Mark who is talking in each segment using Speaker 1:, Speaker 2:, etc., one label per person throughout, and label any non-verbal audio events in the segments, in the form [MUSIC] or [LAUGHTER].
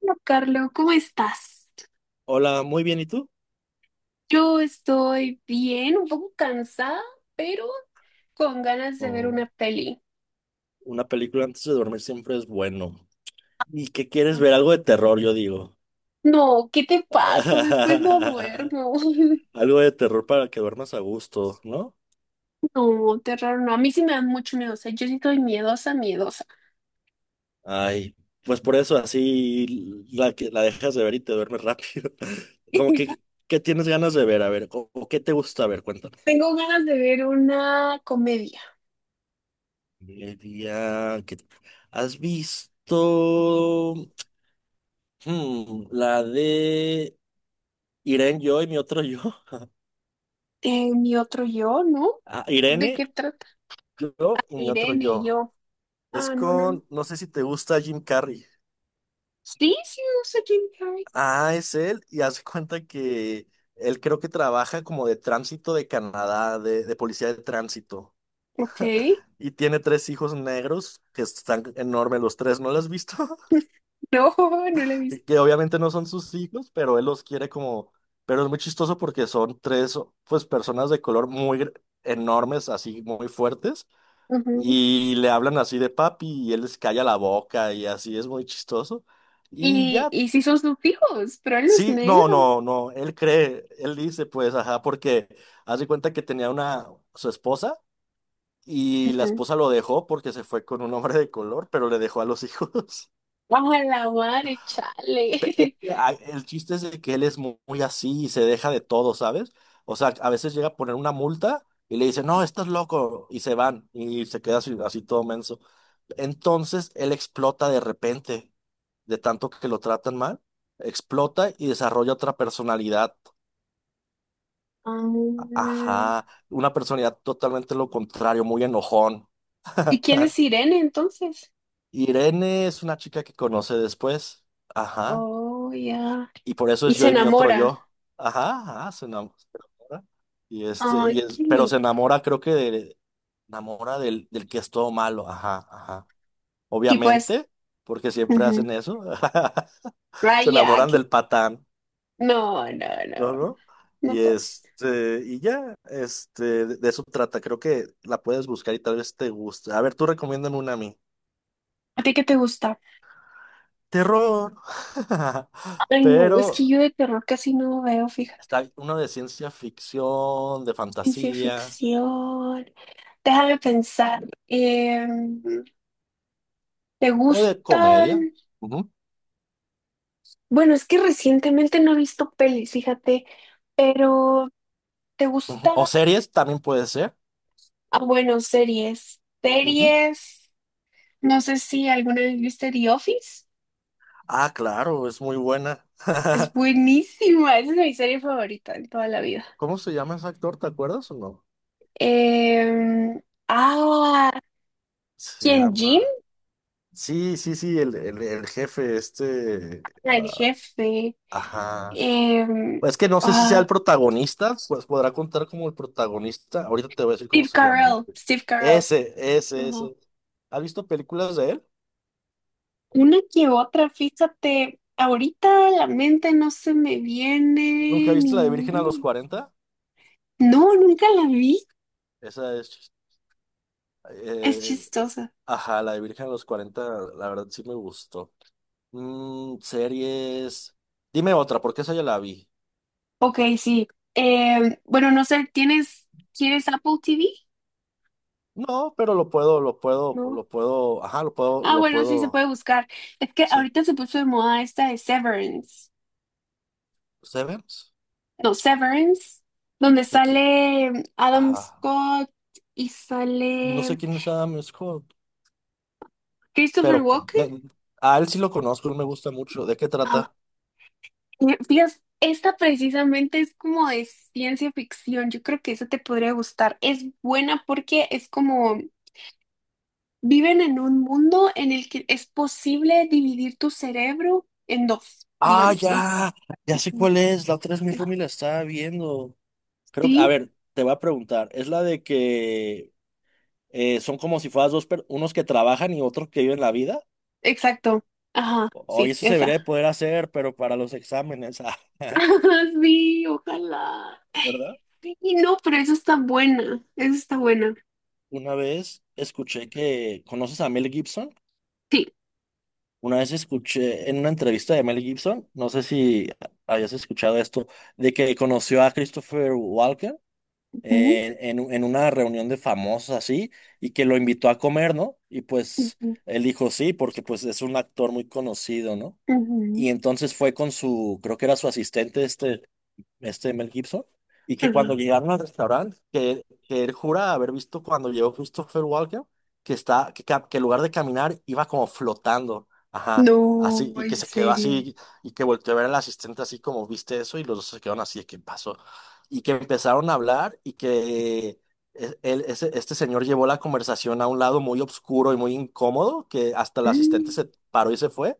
Speaker 1: Hola, Carlos, ¿cómo estás?
Speaker 2: Hola, muy bien, ¿y tú?
Speaker 1: Yo estoy bien, un poco cansada, pero con ganas de ver una
Speaker 2: O
Speaker 1: peli.
Speaker 2: una película antes de dormir siempre es bueno. ¿Y qué quieres ver? Algo de terror, yo digo.
Speaker 1: No, ¿qué te pasa? Después no
Speaker 2: [LAUGHS]
Speaker 1: duermo. [LAUGHS]
Speaker 2: Algo de terror para que duermas a gusto, ¿no?
Speaker 1: No, terror, no. A mí sí me dan mucho miedo. O sea, yo sí estoy miedosa, miedosa.
Speaker 2: Ay, pues por eso así la dejas de ver y te duermes rápido. [LAUGHS] Como que,
Speaker 1: [LAUGHS]
Speaker 2: ¿qué tienes ganas de ver? A ver, o qué te gusta ver? Cuéntame.
Speaker 1: Tengo ganas de ver una comedia.
Speaker 2: El día que- ¿Has visto la de Irene, yo y mi otro yo?
Speaker 1: Mi otro yo, ¿no?
Speaker 2: Ah,
Speaker 1: ¿De
Speaker 2: Irene.
Speaker 1: qué trata?
Speaker 2: Yo y mi otro
Speaker 1: Irene y
Speaker 2: yo.
Speaker 1: yo. Ah, no, no, no.
Speaker 2: No sé si te gusta Jim Carrey.
Speaker 1: Sí, sí, me gusta Jim Carrey.
Speaker 2: Ah, es él y hace cuenta que él creo que trabaja como de tránsito de Canadá, de policía de tránsito.
Speaker 1: Ok.
Speaker 2: Y tiene tres hijos negros que están enormes los tres, ¿no los has visto? [LAUGHS]
Speaker 1: No, [LAUGHS] no la he
Speaker 2: Y
Speaker 1: visto.
Speaker 2: que obviamente no son sus hijos, pero él los quiere como... Pero es muy chistoso porque son tres, pues, personas de color muy enormes, así muy fuertes. Y le hablan así de papi y él les calla la boca y así es muy chistoso. Y
Speaker 1: Y,
Speaker 2: ya,
Speaker 1: y sí son sufijos, pero él no es
Speaker 2: sí, no,
Speaker 1: negro.
Speaker 2: no, no, él cree, él dice pues, ajá, porque hace cuenta que tenía su esposa y la
Speaker 1: Ujú.
Speaker 2: esposa lo dejó porque se fue con un hombre de color, pero le dejó a los [LAUGHS] hijos.
Speaker 1: A la madre, chale. [LAUGHS]
Speaker 2: El chiste es de que él es muy así y se deja de todo, ¿sabes? O sea, a veces llega a poner una multa y le dice, no, estás loco, y se van y se queda así, así todo menso. Entonces él explota de repente, de tanto que lo tratan mal, explota y desarrolla otra personalidad.
Speaker 1: Ah,
Speaker 2: Ajá, una personalidad totalmente lo contrario, muy enojón.
Speaker 1: ¿y quién es
Speaker 2: [LAUGHS]
Speaker 1: Irene entonces?
Speaker 2: Irene es una chica que conoce después. Ajá.
Speaker 1: Oh, ya.
Speaker 2: Y por eso
Speaker 1: Y
Speaker 2: es
Speaker 1: se
Speaker 2: yo y mi otro
Speaker 1: enamora.
Speaker 2: yo. Ajá, ajá, se enamora.
Speaker 1: Ay, qué
Speaker 2: Pero se
Speaker 1: lindo.
Speaker 2: enamora, creo enamora del que es todo malo. Ajá, ajá.
Speaker 1: Sí, pues,
Speaker 2: Obviamente, porque siempre hacen
Speaker 1: ujú.
Speaker 2: eso. [LAUGHS] Se
Speaker 1: Raya.
Speaker 2: enamoran del patán,
Speaker 1: No, no, no,
Speaker 2: ¿no? ¿No?
Speaker 1: no
Speaker 2: Y
Speaker 1: todos.
Speaker 2: este, y ya, este, de eso trata. Creo que la puedes buscar y tal vez te guste. A ver, tú recomiéndame una a mí.
Speaker 1: ¿A ti qué te gusta?
Speaker 2: Terror. [LAUGHS]
Speaker 1: Ay, no, es que
Speaker 2: Pero
Speaker 1: yo de terror casi no veo, fíjate.
Speaker 2: está uno de ciencia ficción, de
Speaker 1: Ciencia
Speaker 2: fantasía.
Speaker 1: ficción. Déjame pensar. ¿Te
Speaker 2: O de comedia.
Speaker 1: gustan?
Speaker 2: Ujú,
Speaker 1: Bueno, es que recientemente no he visto pelis, fíjate, pero ¿te gusta?
Speaker 2: ujú. O series también puede ser.
Speaker 1: Ah, bueno, series.
Speaker 2: Ujú.
Speaker 1: Series. No sé si alguna vez viste The Office.
Speaker 2: Ah, claro, es muy buena.
Speaker 1: Es
Speaker 2: [LAUGHS]
Speaker 1: buenísima, esa es mi serie favorita en toda la vida.
Speaker 2: ¿Cómo se llama ese actor? ¿Te acuerdas o no?
Speaker 1: Em, ah,
Speaker 2: Se
Speaker 1: ¿Quién? Jim.
Speaker 2: llama. Sí, sí, sí, el jefe este.
Speaker 1: Ah, el jefe.
Speaker 2: Ajá.
Speaker 1: Em,
Speaker 2: Pues es que no sé si sea
Speaker 1: ah,
Speaker 2: el protagonista, pues podrá contar como el protagonista. Ahorita te voy a decir cómo
Speaker 1: Steve
Speaker 2: se llama.
Speaker 1: Carell, Steve Carell.
Speaker 2: Ese, ese,
Speaker 1: Ajá.
Speaker 2: ese. ¿Has visto películas de él?
Speaker 1: Una que otra, fíjate, ahorita a la mente no se me
Speaker 2: ¿Nunca
Speaker 1: viene
Speaker 2: viste la de Virgen a los
Speaker 1: ninguna.
Speaker 2: 40?
Speaker 1: No, nunca la vi.
Speaker 2: Esa es.
Speaker 1: Es
Speaker 2: eh,
Speaker 1: chistosa.
Speaker 2: Ajá, la de Virgen a los 40 la verdad sí me gustó. Series. Dime otra, porque esa ya la vi.
Speaker 1: Ok, sí. Bueno, no sé, ¿quieres Apple TV?
Speaker 2: No, pero lo puedo, lo puedo,
Speaker 1: No.
Speaker 2: lo puedo, ajá, lo puedo,
Speaker 1: Ah,
Speaker 2: lo
Speaker 1: bueno, sí se
Speaker 2: puedo,
Speaker 1: puede buscar. Es que
Speaker 2: sí.
Speaker 1: ahorita se puso de moda esta de Severance.
Speaker 2: ¿Severance?
Speaker 1: No, Severance, donde
Speaker 2: ¿De qué?
Speaker 1: sale Adam
Speaker 2: Ajá.
Speaker 1: Scott y
Speaker 2: No sé
Speaker 1: sale
Speaker 2: quién es Adam Scott,
Speaker 1: Christopher
Speaker 2: pero
Speaker 1: Walken.
Speaker 2: de- a él sí lo conozco, él me gusta mucho. ¿De qué
Speaker 1: Ah,
Speaker 2: trata?
Speaker 1: y fíjate, esta precisamente es como de ciencia ficción. Yo creo que esa te podría gustar. Es buena porque es como viven en un mundo en el que es posible dividir tu cerebro en dos,
Speaker 2: Ah,
Speaker 1: digamos.
Speaker 2: ya sé cuál es. La otra es mi roomie la estaba viendo. Creo que, a
Speaker 1: Sí,
Speaker 2: ver, te voy a preguntar. ¿Es la de que son como si fueras dos, unos que trabajan y otros que viven la vida.
Speaker 1: exacto. Ajá,
Speaker 2: Hoy
Speaker 1: sí,
Speaker 2: eso se debería
Speaker 1: esa.
Speaker 2: de poder hacer, pero para los exámenes, [LAUGHS]
Speaker 1: [LAUGHS] Ajá, sí, ojalá.
Speaker 2: ¿verdad?
Speaker 1: Sí, no, pero eso está buena. Eso está buena.
Speaker 2: Una vez escuché ¿conoces a Mel Gibson?
Speaker 1: Sí.
Speaker 2: Una vez escuché en una entrevista de Mel Gibson, no sé si hayas escuchado esto, de que conoció a Christopher Walken
Speaker 1: Ujú,
Speaker 2: en una reunión de famosos así, y que lo invitó a comer, ¿no? Y pues
Speaker 1: ujú,
Speaker 2: él dijo sí, porque pues es un actor muy conocido, ¿no? Y
Speaker 1: ujú,
Speaker 2: entonces fue con su, creo que era su asistente, Mel Gibson, y que
Speaker 1: ajá.
Speaker 2: cuando llegaron al restaurante, que él jura haber visto cuando llegó Christopher Walken, que está, que, ca- que en lugar de caminar iba como flotando, ajá, así,
Speaker 1: No,
Speaker 2: y que
Speaker 1: en
Speaker 2: se quedó
Speaker 1: serio.
Speaker 2: así, y que volteó a ver al asistente así como, ¿viste eso? Y los dos se quedaron así, ¿qué pasó? Y que empezaron a hablar y que este señor llevó la conversación a un lado muy oscuro y muy incómodo, que hasta el asistente
Speaker 1: Mm,
Speaker 2: se paró y se fue,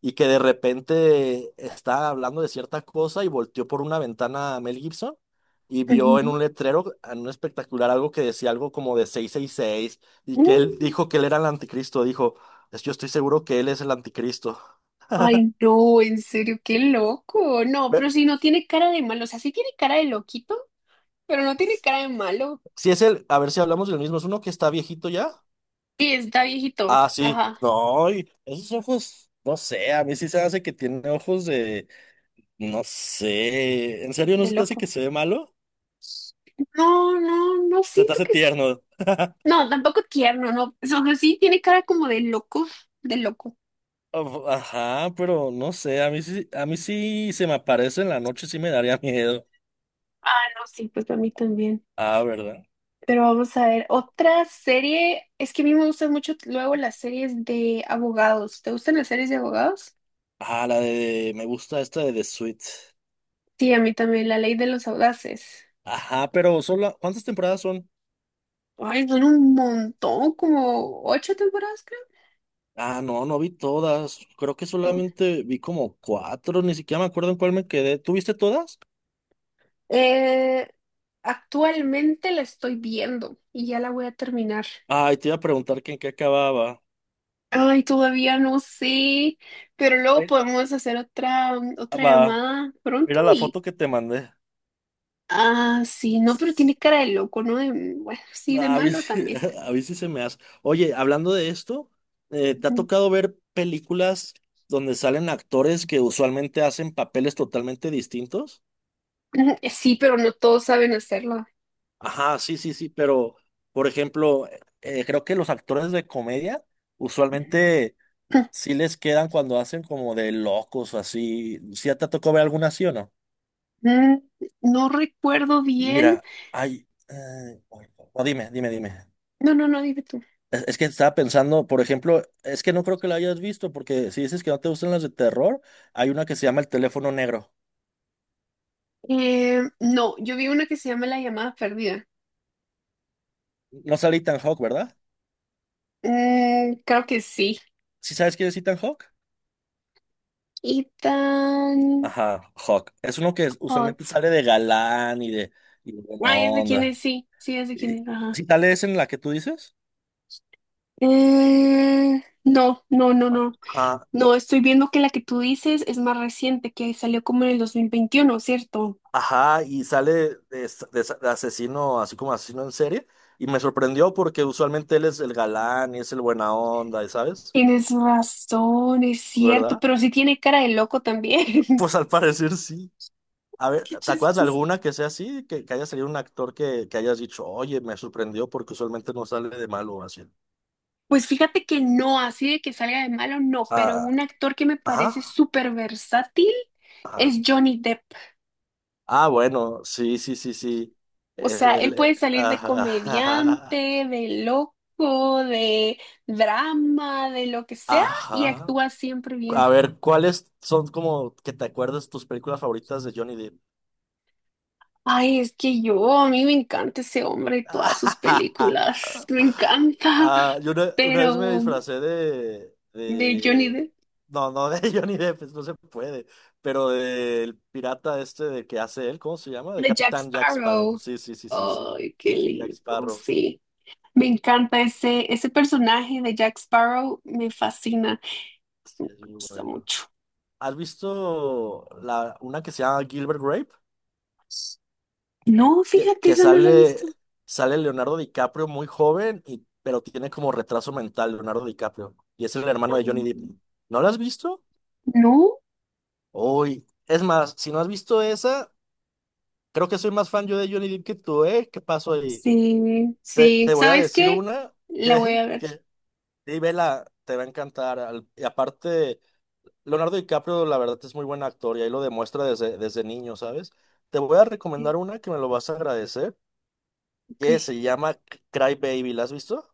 Speaker 2: y que de repente estaba hablando de cierta cosa y volteó por una ventana a Mel Gibson y vio en
Speaker 1: ujú,
Speaker 2: un letrero, en un espectacular, algo que decía algo como de 666, y que él
Speaker 1: mm.
Speaker 2: dijo que él era el anticristo, dijo, Yo estoy seguro que él es el anticristo".
Speaker 1: Ay, no, en serio, qué loco. No,
Speaker 2: Ve-
Speaker 1: pero si no tiene cara de malo, o sea, sí tiene cara de loquito, pero no tiene cara de malo.
Speaker 2: Si es él, a ver si hablamos del mismo, es uno que está viejito ya.
Speaker 1: Sí, está viejito.
Speaker 2: Ah, sí,
Speaker 1: Ajá,
Speaker 2: no, y esos ojos, no sé, a mí sí se hace que tiene ojos de, no sé, ¿en serio no
Speaker 1: de
Speaker 2: se te hace
Speaker 1: loco.
Speaker 2: que se ve malo?
Speaker 1: No, no, no
Speaker 2: Se te
Speaker 1: siento
Speaker 2: hace
Speaker 1: que...
Speaker 2: tierno.
Speaker 1: No, tampoco tierno, no. O sea, sí tiene cara como de loco, de loco.
Speaker 2: Ajá, pero no sé, a mí sí se me aparece en la noche, sí me daría [LAUGHS] miedo.
Speaker 1: No, sí, pues a mí también.
Speaker 2: Ah, ¿verdad?
Speaker 1: Pero vamos a ver, otra serie. Es que a mí me gustan mucho luego las series de abogados. ¿Te gustan las series de abogados?
Speaker 2: Ah, me gusta esta de The Suite.
Speaker 1: Sí, a mí también, La Ley de los Audaces.
Speaker 2: Ajá, pero solo, ¿cuántas temporadas son?
Speaker 1: Ay, son un montón, como ocho temporadas,
Speaker 2: Ah, no, no vi todas. Creo que
Speaker 1: creo.
Speaker 2: solamente vi como cuatro, ni siquiera me acuerdo en cuál me quedé. ¿Tú viste todas?
Speaker 1: Eh, Actualmente la estoy viendo y ya la voy a terminar.
Speaker 2: Ay, te iba a preguntar que en qué acababa.
Speaker 1: Ay, todavía no sé, pero luego
Speaker 2: Eh,
Speaker 1: podemos hacer otra
Speaker 2: Va,
Speaker 1: llamada pronto
Speaker 2: mira la
Speaker 1: y...
Speaker 2: foto que te mandé.
Speaker 1: Ah, sí, no, pero tiene cara de loco, ¿no? Bueno, sí, de
Speaker 2: Ah,
Speaker 1: malo también.
Speaker 2: [LAUGHS] a mí sí se me hace. Oye, hablando de esto, ¿te ha tocado
Speaker 1: [LAUGHS]
Speaker 2: ver películas donde salen actores que usualmente hacen papeles totalmente distintos?
Speaker 1: Sí, pero no todos saben hacerlo.
Speaker 2: Ajá, sí, sí, sí, pero por ejemplo, creo que los actores de comedia usualmente sí les quedan cuando hacen como de locos o así. ¿Sí te tocó ver alguna así o no?
Speaker 1: Mm, No recuerdo bien.
Speaker 2: Mira, hay... o dime, dime, dime.
Speaker 1: No, no, no, dime tú.
Speaker 2: Es que estaba pensando, por ejemplo, es que no creo que la hayas visto, porque si dices que no te gustan las de terror, hay una que se llama El teléfono negro.
Speaker 1: No, yo vi una que se llama La llamada perdida.
Speaker 2: No sale Ethan Hawke, ¿verdad?
Speaker 1: Creo que sí.
Speaker 2: ¿Sí sabes quién es Ethan Hawke?
Speaker 1: Ethan
Speaker 2: Ajá, Hawke. Es uno que usualmente
Speaker 1: Hawke.
Speaker 2: sale de galán y de buena
Speaker 1: Ay, es de quién es,
Speaker 2: onda.
Speaker 1: sí, sí, es de quién
Speaker 2: Y,
Speaker 1: es. Ajá.
Speaker 2: ¿sí sale esa en la que tú dices?
Speaker 1: No, no, no, no.
Speaker 2: Ajá,
Speaker 1: No, estoy viendo que la que tú dices es más reciente, que salió como en el 2021, ¿cierto?
Speaker 2: ajá, y sale de asesino, así como asesino en serie, y me sorprendió porque usualmente él es el galán y es el buena onda, ¿y sabes?
Speaker 1: Tienes razón, es cierto,
Speaker 2: ¿Verdad?
Speaker 1: pero sí tiene cara de loco también.
Speaker 2: Pues al parecer sí. A
Speaker 1: [LAUGHS]
Speaker 2: ver,
Speaker 1: Qué
Speaker 2: ¿te acuerdas de
Speaker 1: chistoso.
Speaker 2: alguna que sea así? Que haya salido un actor que hayas dicho, oye, me sorprendió porque usualmente no sale de malo así.
Speaker 1: Pues fíjate que no, así de que salga de malo, no, pero
Speaker 2: Ah,
Speaker 1: un actor que me parece
Speaker 2: ajá,
Speaker 1: súper versátil
Speaker 2: ajá.
Speaker 1: es Johnny Depp.
Speaker 2: Ah, bueno, sí, sí, sí, sí.
Speaker 1: O sea, él puede salir de comediante,
Speaker 2: Ajá,
Speaker 1: de loco, de drama, de lo que
Speaker 2: [LAUGHS]
Speaker 1: sea, y
Speaker 2: ajá.
Speaker 1: actúa siempre
Speaker 2: A
Speaker 1: bien.
Speaker 2: ver, ¿cuáles son como que te acuerdas tus películas favoritas de Johnny Depp?
Speaker 1: Ay, es que yo, a mí me encanta ese hombre y todas sus
Speaker 2: [LAUGHS]
Speaker 1: películas, me encanta.
Speaker 2: Ah, yo
Speaker 1: [LAUGHS]
Speaker 2: una vez me
Speaker 1: Pero
Speaker 2: disfracé de,
Speaker 1: de Johnny
Speaker 2: de...
Speaker 1: Depp,
Speaker 2: No, no de [LAUGHS] Johnny Depp, pues, no se puede, pero del pirata este de que hace él, ¿cómo se llama? De
Speaker 1: de Jack
Speaker 2: Capitán Jack Sparrow.
Speaker 1: Sparrow,
Speaker 2: Sí, sí, sí, sí, sí.
Speaker 1: ay, qué
Speaker 2: De Jack
Speaker 1: lindo,
Speaker 2: Sparrow.
Speaker 1: sí. Me encanta ese personaje de Jack Sparrow, me fascina, me
Speaker 2: Sí, es muy
Speaker 1: gusta
Speaker 2: bueno.
Speaker 1: mucho.
Speaker 2: ¿Has visto una que se llama Gilbert Grape?
Speaker 1: No,
Speaker 2: Que,
Speaker 1: fíjate,
Speaker 2: que
Speaker 1: esa no la he
Speaker 2: sale,
Speaker 1: visto.
Speaker 2: sale Leonardo DiCaprio muy joven, pero tiene como retraso mental Leonardo DiCaprio. Y es el hermano de Johnny Depp.
Speaker 1: Mm.
Speaker 2: ¿No lo has visto?
Speaker 1: No,
Speaker 2: Uy, es más, si no has visto esa... Creo que soy más fan yo de Johnny Depp que tú, ¿eh? ¿Qué pasó ahí?
Speaker 1: sí,
Speaker 2: Te,
Speaker 1: sí.
Speaker 2: te voy a
Speaker 1: ¿Sabes
Speaker 2: decir
Speaker 1: qué?
Speaker 2: una
Speaker 1: La voy
Speaker 2: que,
Speaker 1: a ver.
Speaker 2: que sí, vela, te va a encantar. Y aparte, Leonardo DiCaprio, la verdad, es muy buen actor y ahí lo demuestra desde niño, ¿sabes? Te voy a recomendar una que me lo vas a agradecer,
Speaker 1: Ok.
Speaker 2: que se llama Cry Baby. ¿La has visto?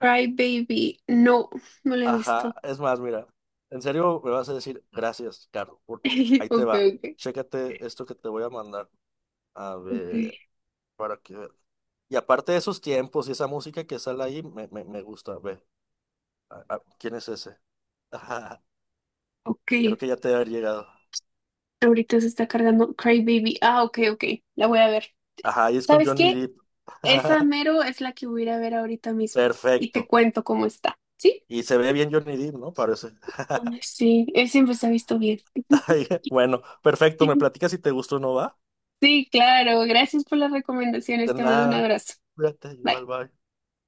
Speaker 1: Cry Baby, no, no la he
Speaker 2: Ajá,
Speaker 1: visto.
Speaker 2: es más, mira, en serio me vas a decir gracias, Carlos.
Speaker 1: [LAUGHS]
Speaker 2: Ahí te
Speaker 1: Ok,
Speaker 2: va.
Speaker 1: ok,
Speaker 2: Chécate esto que te voy a mandar. A
Speaker 1: ok,
Speaker 2: ver, para que. Y aparte de esos tiempos y esa música que sale ahí, me gusta. Ve, ¿quién es ese? [LAUGHS] Ajá,
Speaker 1: ok.
Speaker 2: creo que ya te debe haber llegado.
Speaker 1: Ahorita se está cargando Cry Baby. Ah, ok, ok. La voy a ver.
Speaker 2: Ajá, y es con
Speaker 1: ¿Sabes
Speaker 2: Johnny
Speaker 1: qué?
Speaker 2: Depp.
Speaker 1: Esa
Speaker 2: [LAUGHS]
Speaker 1: mero es la que voy a ir a ver ahorita mismo. Y te
Speaker 2: Perfecto.
Speaker 1: cuento cómo está. ¿Sí?
Speaker 2: Y se ve bien Johnny Depp, ¿no? Parece.
Speaker 1: Ay,
Speaker 2: [LAUGHS]
Speaker 1: sí, él siempre se ha visto bien. [LAUGHS]
Speaker 2: Bueno, perfecto. Me platicas si te gustó o no va.
Speaker 1: Sí, claro. Gracias por las recomendaciones.
Speaker 2: De
Speaker 1: Te mando un
Speaker 2: nada.
Speaker 1: abrazo.
Speaker 2: Cuídate,
Speaker 1: Bye.
Speaker 2: igual, bye.